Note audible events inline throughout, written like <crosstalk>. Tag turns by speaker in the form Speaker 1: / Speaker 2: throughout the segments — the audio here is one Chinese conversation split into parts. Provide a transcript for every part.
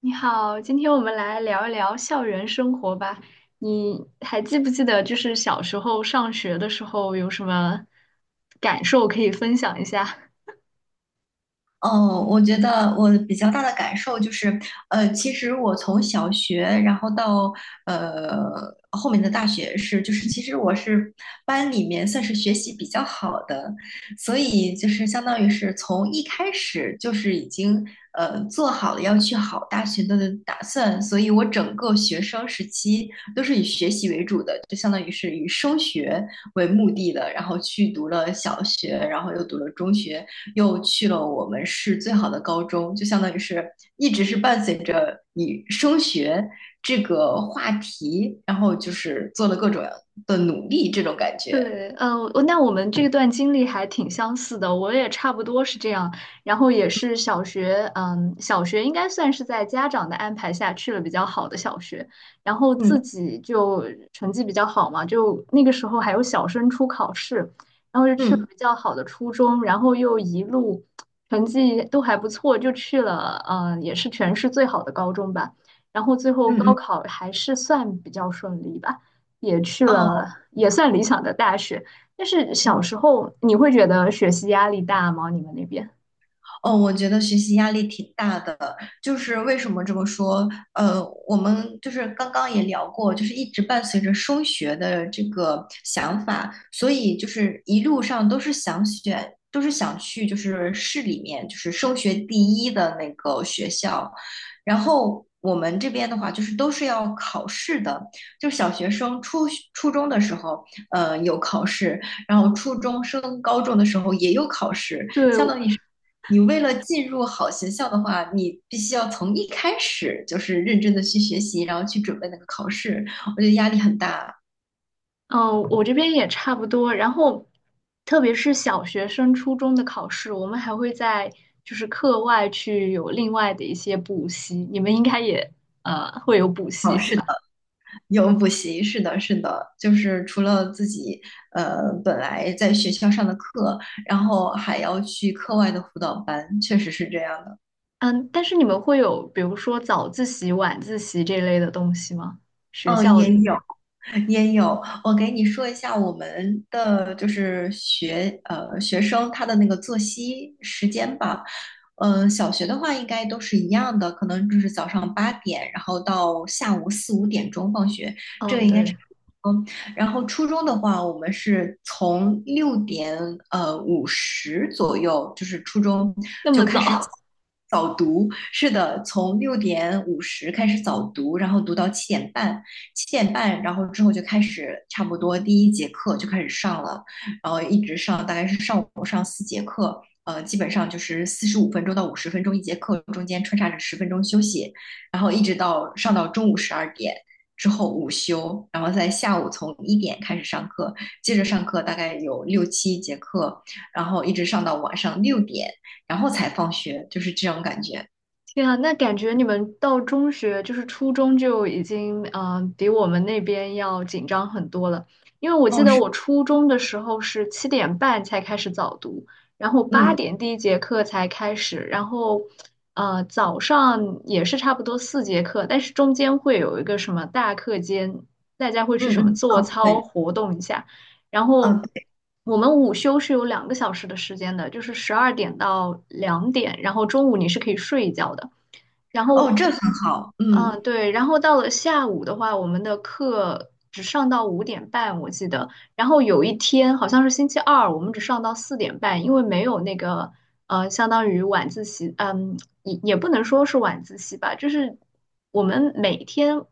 Speaker 1: 你好，今天我们来聊一聊校园生活吧。你还记不记得，就是小时候上学的时候有什么感受可以分享一下？
Speaker 2: 哦，我觉得我比较大的感受就是，其实我从小学，然后到呃后面的大学是，就是其实我是班里面算是学习比较好的，所以就是相当于是从一开始就是已经做好了要去好大学的打算，所以我整个学生时期都是以学习为主的，就相当于是以升学为目的的，然后去读了小学，然后又读了中学。又去了我们市最好的高中，就相当于是一直是伴随着你升学这个话题，然后就是做了各种的努力，这种感觉。
Speaker 1: 对，我们这段经历还挺相似的，我也差不多是这样，然后也是小学应该算是在家长的安排下去了比较好的小学，然后
Speaker 2: 嗯
Speaker 1: 自己就成绩比较好嘛，就那个时候还有小升初考试，然后就去了
Speaker 2: 嗯
Speaker 1: 比较好的初中，然后又一路成绩都还不错，就去了，也是全市最好的高中吧，然后最后
Speaker 2: 嗯
Speaker 1: 高
Speaker 2: 嗯，
Speaker 1: 考还是算比较顺利吧。也去了
Speaker 2: 哦，
Speaker 1: 也算理想的大学。但是小
Speaker 2: 嗯。
Speaker 1: 时候你会觉得学习压力大吗？你们那边？
Speaker 2: 哦，我觉得学习压力挺大的，就是为什么这么说？呃，我们就是刚刚也聊过，就是一直伴随着升学的这个想法，所以就是一路上都是想选，都是想去就是市里面就是升学第一的那个学校，然后。我们这边的话，就是都是要考试的，就小学生初中的时候，有考试，然后初中升高中的时候也有考试，
Speaker 1: 对，
Speaker 2: 相当于是你为了进入好学校的话，你必须要从一开始就是认真的去学习，然后去准备那个考试。我觉得压力很大。
Speaker 1: 嗯，我这边也差不多。然后，特别是小学生、初中的考试，我们还会在就是课外去有另外的一些补习。你们应该也会有补习是吧？
Speaker 2: 有补习，是的，是的，就是除了自己本来在学校上的课，然后还要去课外的辅导班，确实是这样的。
Speaker 1: 嗯，但是你们会有比如说早自习、晚自习这类的东西吗？学
Speaker 2: 嗯，
Speaker 1: 校
Speaker 2: 也
Speaker 1: 里？
Speaker 2: 有，也有，我给你说一下我们的就是学生他的那个作息时间吧。小学的话应该都是一样的，可能就是早上八点，然后到下午4、5点钟放学，这个
Speaker 1: 嗯，
Speaker 2: 应该差
Speaker 1: 对，
Speaker 2: 不多。然后初中的话，我们是从六点五十左右，就是初中
Speaker 1: 那么
Speaker 2: 就开始早
Speaker 1: 早。<laughs>
Speaker 2: 早读，是的，从6:50开始早读，然后读到七点半。七点半，然后之后就开始差不多第一节课就开始上了，然后一直上，大概是上午上四节课，基本上就是45分钟到50分钟一节课，中间穿插着十分钟休息，然后一直到上到中午12点。之后午休，然后在下午从1点开始上课，接着上课大概有六七节课，然后一直上到晚上六点，然后才放学，就是这种感觉。
Speaker 1: 天啊，那感觉你们到中学，就是初中就已经，比我们那边要紧张很多了。因为我记
Speaker 2: 哦，
Speaker 1: 得
Speaker 2: 是，
Speaker 1: 我初中的时候是七点半才开始早读，然后八
Speaker 2: 嗯
Speaker 1: 点第一节课才开始，然后，早上也是差不多四节课，但是中间会有一个什么大课间，大家会去
Speaker 2: 嗯
Speaker 1: 什么
Speaker 2: 嗯，
Speaker 1: 做
Speaker 2: 哦，
Speaker 1: 操
Speaker 2: 对，
Speaker 1: 活动一下，然后。
Speaker 2: 嗯，对，
Speaker 1: 我们午休是有两个小时的时间的，就是十二点到两点，然后中午你是可以睡一觉的。然
Speaker 2: 哦，
Speaker 1: 后，
Speaker 2: 这很好，嗯。
Speaker 1: 对，然后到了下午的话，我们的课只上到五点半，我记得。然后有一天好像是星期二，我们只上到四点半，因为没有那个相当于晚自习，也不能说是晚自习吧，就是我们每天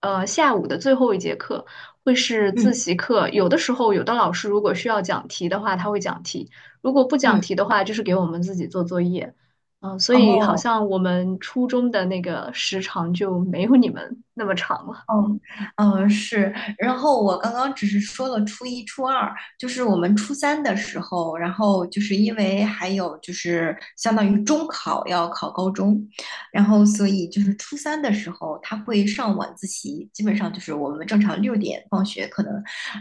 Speaker 1: 下午的最后一节课会是
Speaker 2: 嗯
Speaker 1: 自习课，有的时候有的老师如果需要讲题的话，他会讲题；如果不讲
Speaker 2: 嗯，
Speaker 1: 题的话，就是给我们自己做作业。嗯，所以好
Speaker 2: 哦
Speaker 1: 像我们初中的那个时长就没有你们那么长了。
Speaker 2: 哦，嗯是，然后我刚刚只是说了初一、初二，就是我们初三的时候，然后就是因为还有就是相当于中考要考高中，然后所以就是初三的时候他会上晚自习，基本上就是我们正常六点放学，可能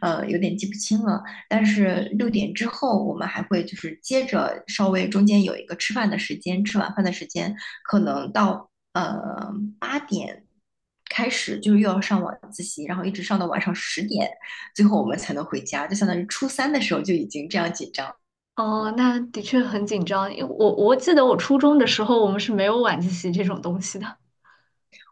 Speaker 2: 有点记不清了，但是六点之后我们还会就是接着稍微中间有一个吃饭的时间，吃晚饭的时间，可能到呃八点开始，就是又要上晚自习，然后一直上到晚上十点，最后我们才能回家，就相当于初三的时候就已经这样紧张。
Speaker 1: 哦，那的确很紧张，因为我记得我初中的时候，我们是没有晚自习这种东西的。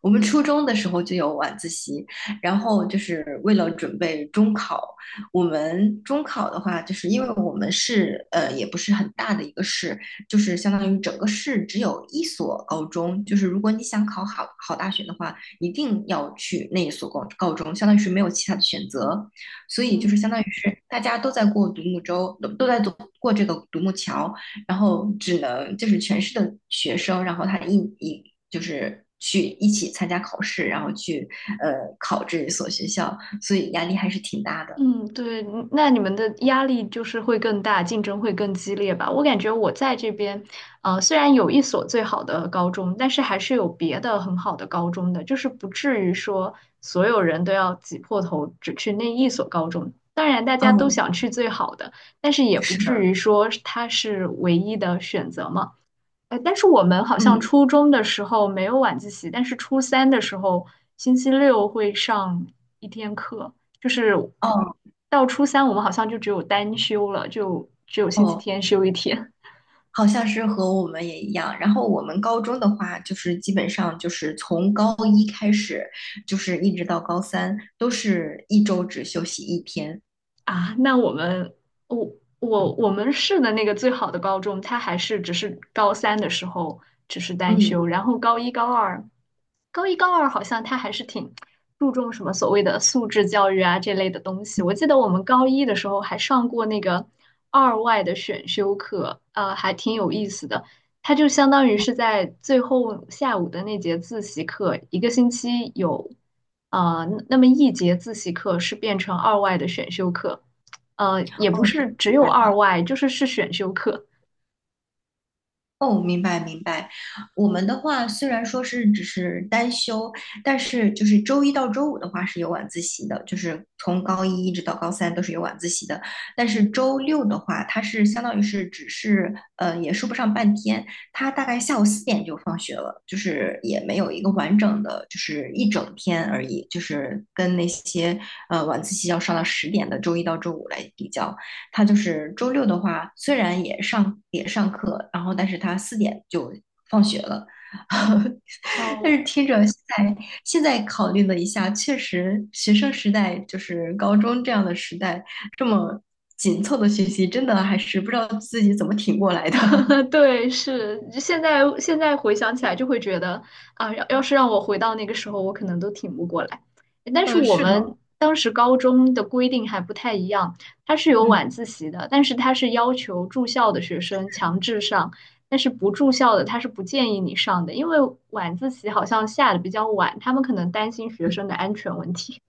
Speaker 2: 我们初中的时候就有晚自习，然后就是为了准备中考。我们中考的话，就是因为我们市也不是很大的一个市，就是相当于整个市只有一所高中。就是如果你想考好大学的话，一定要去那一所高中，相当于是没有其他的选择。所以就是
Speaker 1: 嗯。
Speaker 2: 相当于是大家都在过独木舟，都在走过这个独木桥，然后只能就是全市的学生，然后他就是去一起参加考试，然后去呃考这一所学校，所以压力还是挺大的。
Speaker 1: 嗯，对，那你们的压力就是会更大，竞争会更激烈吧？我感觉我在这边，虽然有一所最好的高中，但是还是有别的很好的高中的，就是不至于说所有人都要挤破头只去那一所高中。当然，大家都
Speaker 2: 嗯，
Speaker 1: 想去最好的，但是也不
Speaker 2: 是
Speaker 1: 至
Speaker 2: 的，
Speaker 1: 于说它是唯一的选择嘛。哎，但是我们好像
Speaker 2: 嗯，
Speaker 1: 初中的时候没有晚自习，但是初三的时候，星期六会上一天课，就是
Speaker 2: 哦
Speaker 1: 到初三我们好像就只有单休了，就只有星期
Speaker 2: 哦，
Speaker 1: 天休一天。
Speaker 2: 好像是和我们也一样。然后我们高中的话，就是基本上就是从高一开始，就是一直到高三，都是一周只休息一天。
Speaker 1: 啊，那我们我我我们市的那个最好的高中，它还是只是高三的时候只是单修，
Speaker 2: 嗯，
Speaker 1: 然后高一高二，高一高二好像它还是挺注重什么所谓的素质教育啊这类的东西。我记得我们高一的时候还上过那个二外的选修课，还挺有意思的。他就相当于是在最后下午的那节自习课，一个星期有，那么一节自习课是变成二外的选修课，也不
Speaker 2: 哦，
Speaker 1: 是只
Speaker 2: 明
Speaker 1: 有
Speaker 2: 白。
Speaker 1: 二外，就是是选修课。
Speaker 2: 哦，明白明白。我们的话虽然说是只是单休，但是就是周一到周五的话是有晚自习的，就是从高一一直到高三都是有晚自习的。但是周六的话，它是相当于是只是也说不上半天，它大概下午四点就放学了，就是也没有一个完整的就是一整天而已，就是跟那些晚自习要上到十点的周一到周五来比较。他就是周六的话，虽然也上课，然后但是他四点就放学了。<laughs> 但
Speaker 1: 哦，
Speaker 2: 是听着现在考虑了一下，确实学生时代就是高中这样的时代，这么紧凑的学习，真的还是不知道自己怎么挺过来的。<laughs>
Speaker 1: <laughs> 对，是现在回想起来就会觉得啊，要是让我回到那个时候，我可能都挺不过来。但是
Speaker 2: 嗯，
Speaker 1: 我
Speaker 2: 是
Speaker 1: 们
Speaker 2: 的，
Speaker 1: 当时高中的规定还不太一样，它是有
Speaker 2: 嗯。
Speaker 1: 晚自习的，但是它是要求住校的学生强制上，但是不住校的他是不建议你上的，因为晚自习好像下的比较晚，他们可能担心学生的安全问题。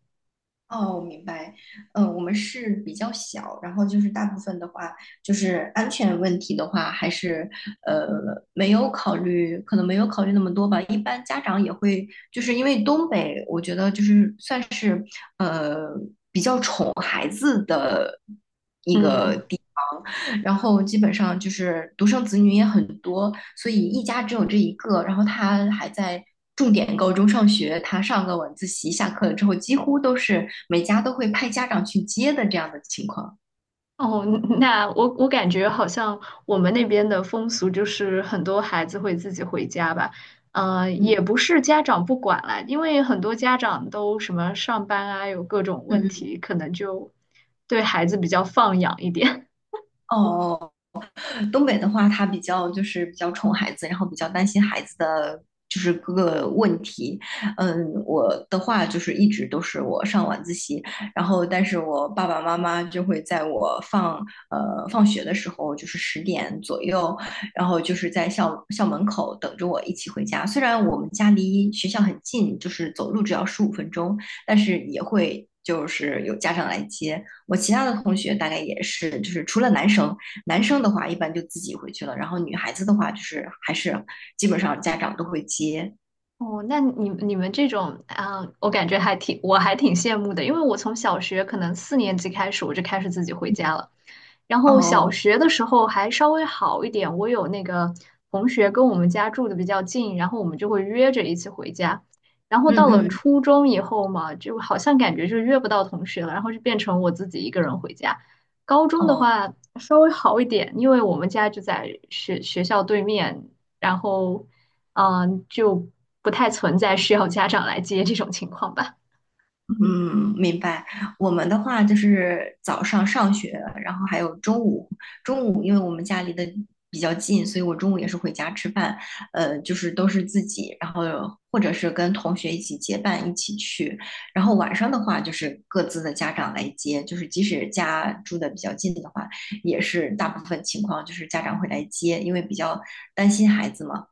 Speaker 2: 哦，明白。我们是比较小，然后就是大部分的话，就是安全问题的话，还是呃没有考虑，可能没有考虑那么多吧。一般家长也会，就是因为东北，我觉得就是算是呃比较宠孩子的。
Speaker 1: 嗯。
Speaker 2: 然后基本上就是独生子女也很多，所以一家只有这一个。然后他还在重点高中上学，他上个晚自习，下课了之后，几乎都是每家都会派家长去接的这样的情况。
Speaker 1: 哦，那我感觉好像我们那边的风俗就是很多孩子会自己回家吧，
Speaker 2: 嗯
Speaker 1: 也不是家长不管啦，因为很多家长都什么上班啊，有各种问
Speaker 2: 嗯嗯，
Speaker 1: 题，可能就对孩子比较放养一点。
Speaker 2: 哦哦。东北的话，他比较就是比较宠孩子，然后比较担心孩子的就是各个问题。嗯，我的话就是一直都是我上晚自习，然后但是我爸爸妈妈就会在我放学的时候，就是10点左右，然后就是在校门口等着我一起回家。虽然我们家离学校很近，就是走路只要十五分钟，但是也会。就是有家长来接我，其他的同学大概也是，就是除了男生，男生的话一般就自己回去了，然后女孩子的话就是还是基本上家长都会接。
Speaker 1: 哦，那你们这种啊，我感觉还挺，我还挺羡慕的，因为我从小学可能四年级开始，我就开始自己回家了。然后小
Speaker 2: 哦，
Speaker 1: 学的时候还稍微好一点，我有那个同学跟我们家住的比较近，然后我们就会约着一起回家。然后
Speaker 2: 嗯
Speaker 1: 到了
Speaker 2: 嗯，
Speaker 1: 初中以后嘛，就好像感觉就约不到同学了，然后就变成我自己一个人回家。高中的
Speaker 2: 哦，
Speaker 1: 话稍微好一点，因为我们家就在学校对面，然后。嗯，就不太存在需要家长来接这种情况吧。
Speaker 2: 嗯，明白。我们的话就是早上上学，然后还有中午。中午因为我们家离得比较近，所以我中午也是回家吃饭。就是都是自己，然后或者是跟同学一起结伴一起去。然后晚上的话，就是各自的家长来接，就是即使家住的比较近的话，也是大部分情况就是家长会来接，因为比较担心孩子嘛。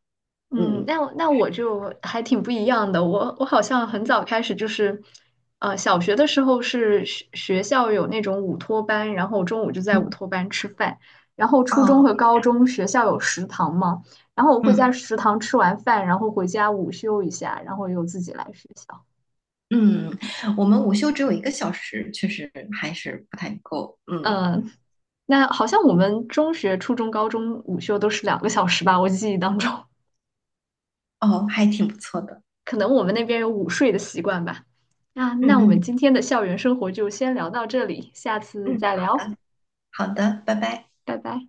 Speaker 1: 嗯，
Speaker 2: 嗯，
Speaker 1: 那我就还挺不一样的。我好像很早开始就是，小学的时候是学校有那种午托班，然后中午就在午
Speaker 2: 嗯
Speaker 1: 托班吃饭。然后初中
Speaker 2: 哦，
Speaker 1: 和高中学校有食堂嘛，然后我会在
Speaker 2: 嗯。
Speaker 1: 食堂吃完饭，然后回家午休一下，然后又自己来学校。
Speaker 2: 嗯，我们午休只有一个小时，确实还是不太够。嗯，
Speaker 1: 嗯，那好像我们中学、初中、高中午休都是两个小时吧，我记忆当中。
Speaker 2: 哦，还挺不错的。
Speaker 1: 可能我们那边有午睡的习惯吧。啊，
Speaker 2: 嗯
Speaker 1: 那我们
Speaker 2: 嗯
Speaker 1: 今天的校园生活就先聊到这里，下次
Speaker 2: 嗯，
Speaker 1: 再
Speaker 2: 好
Speaker 1: 聊，
Speaker 2: 的好的，拜拜。
Speaker 1: 拜拜。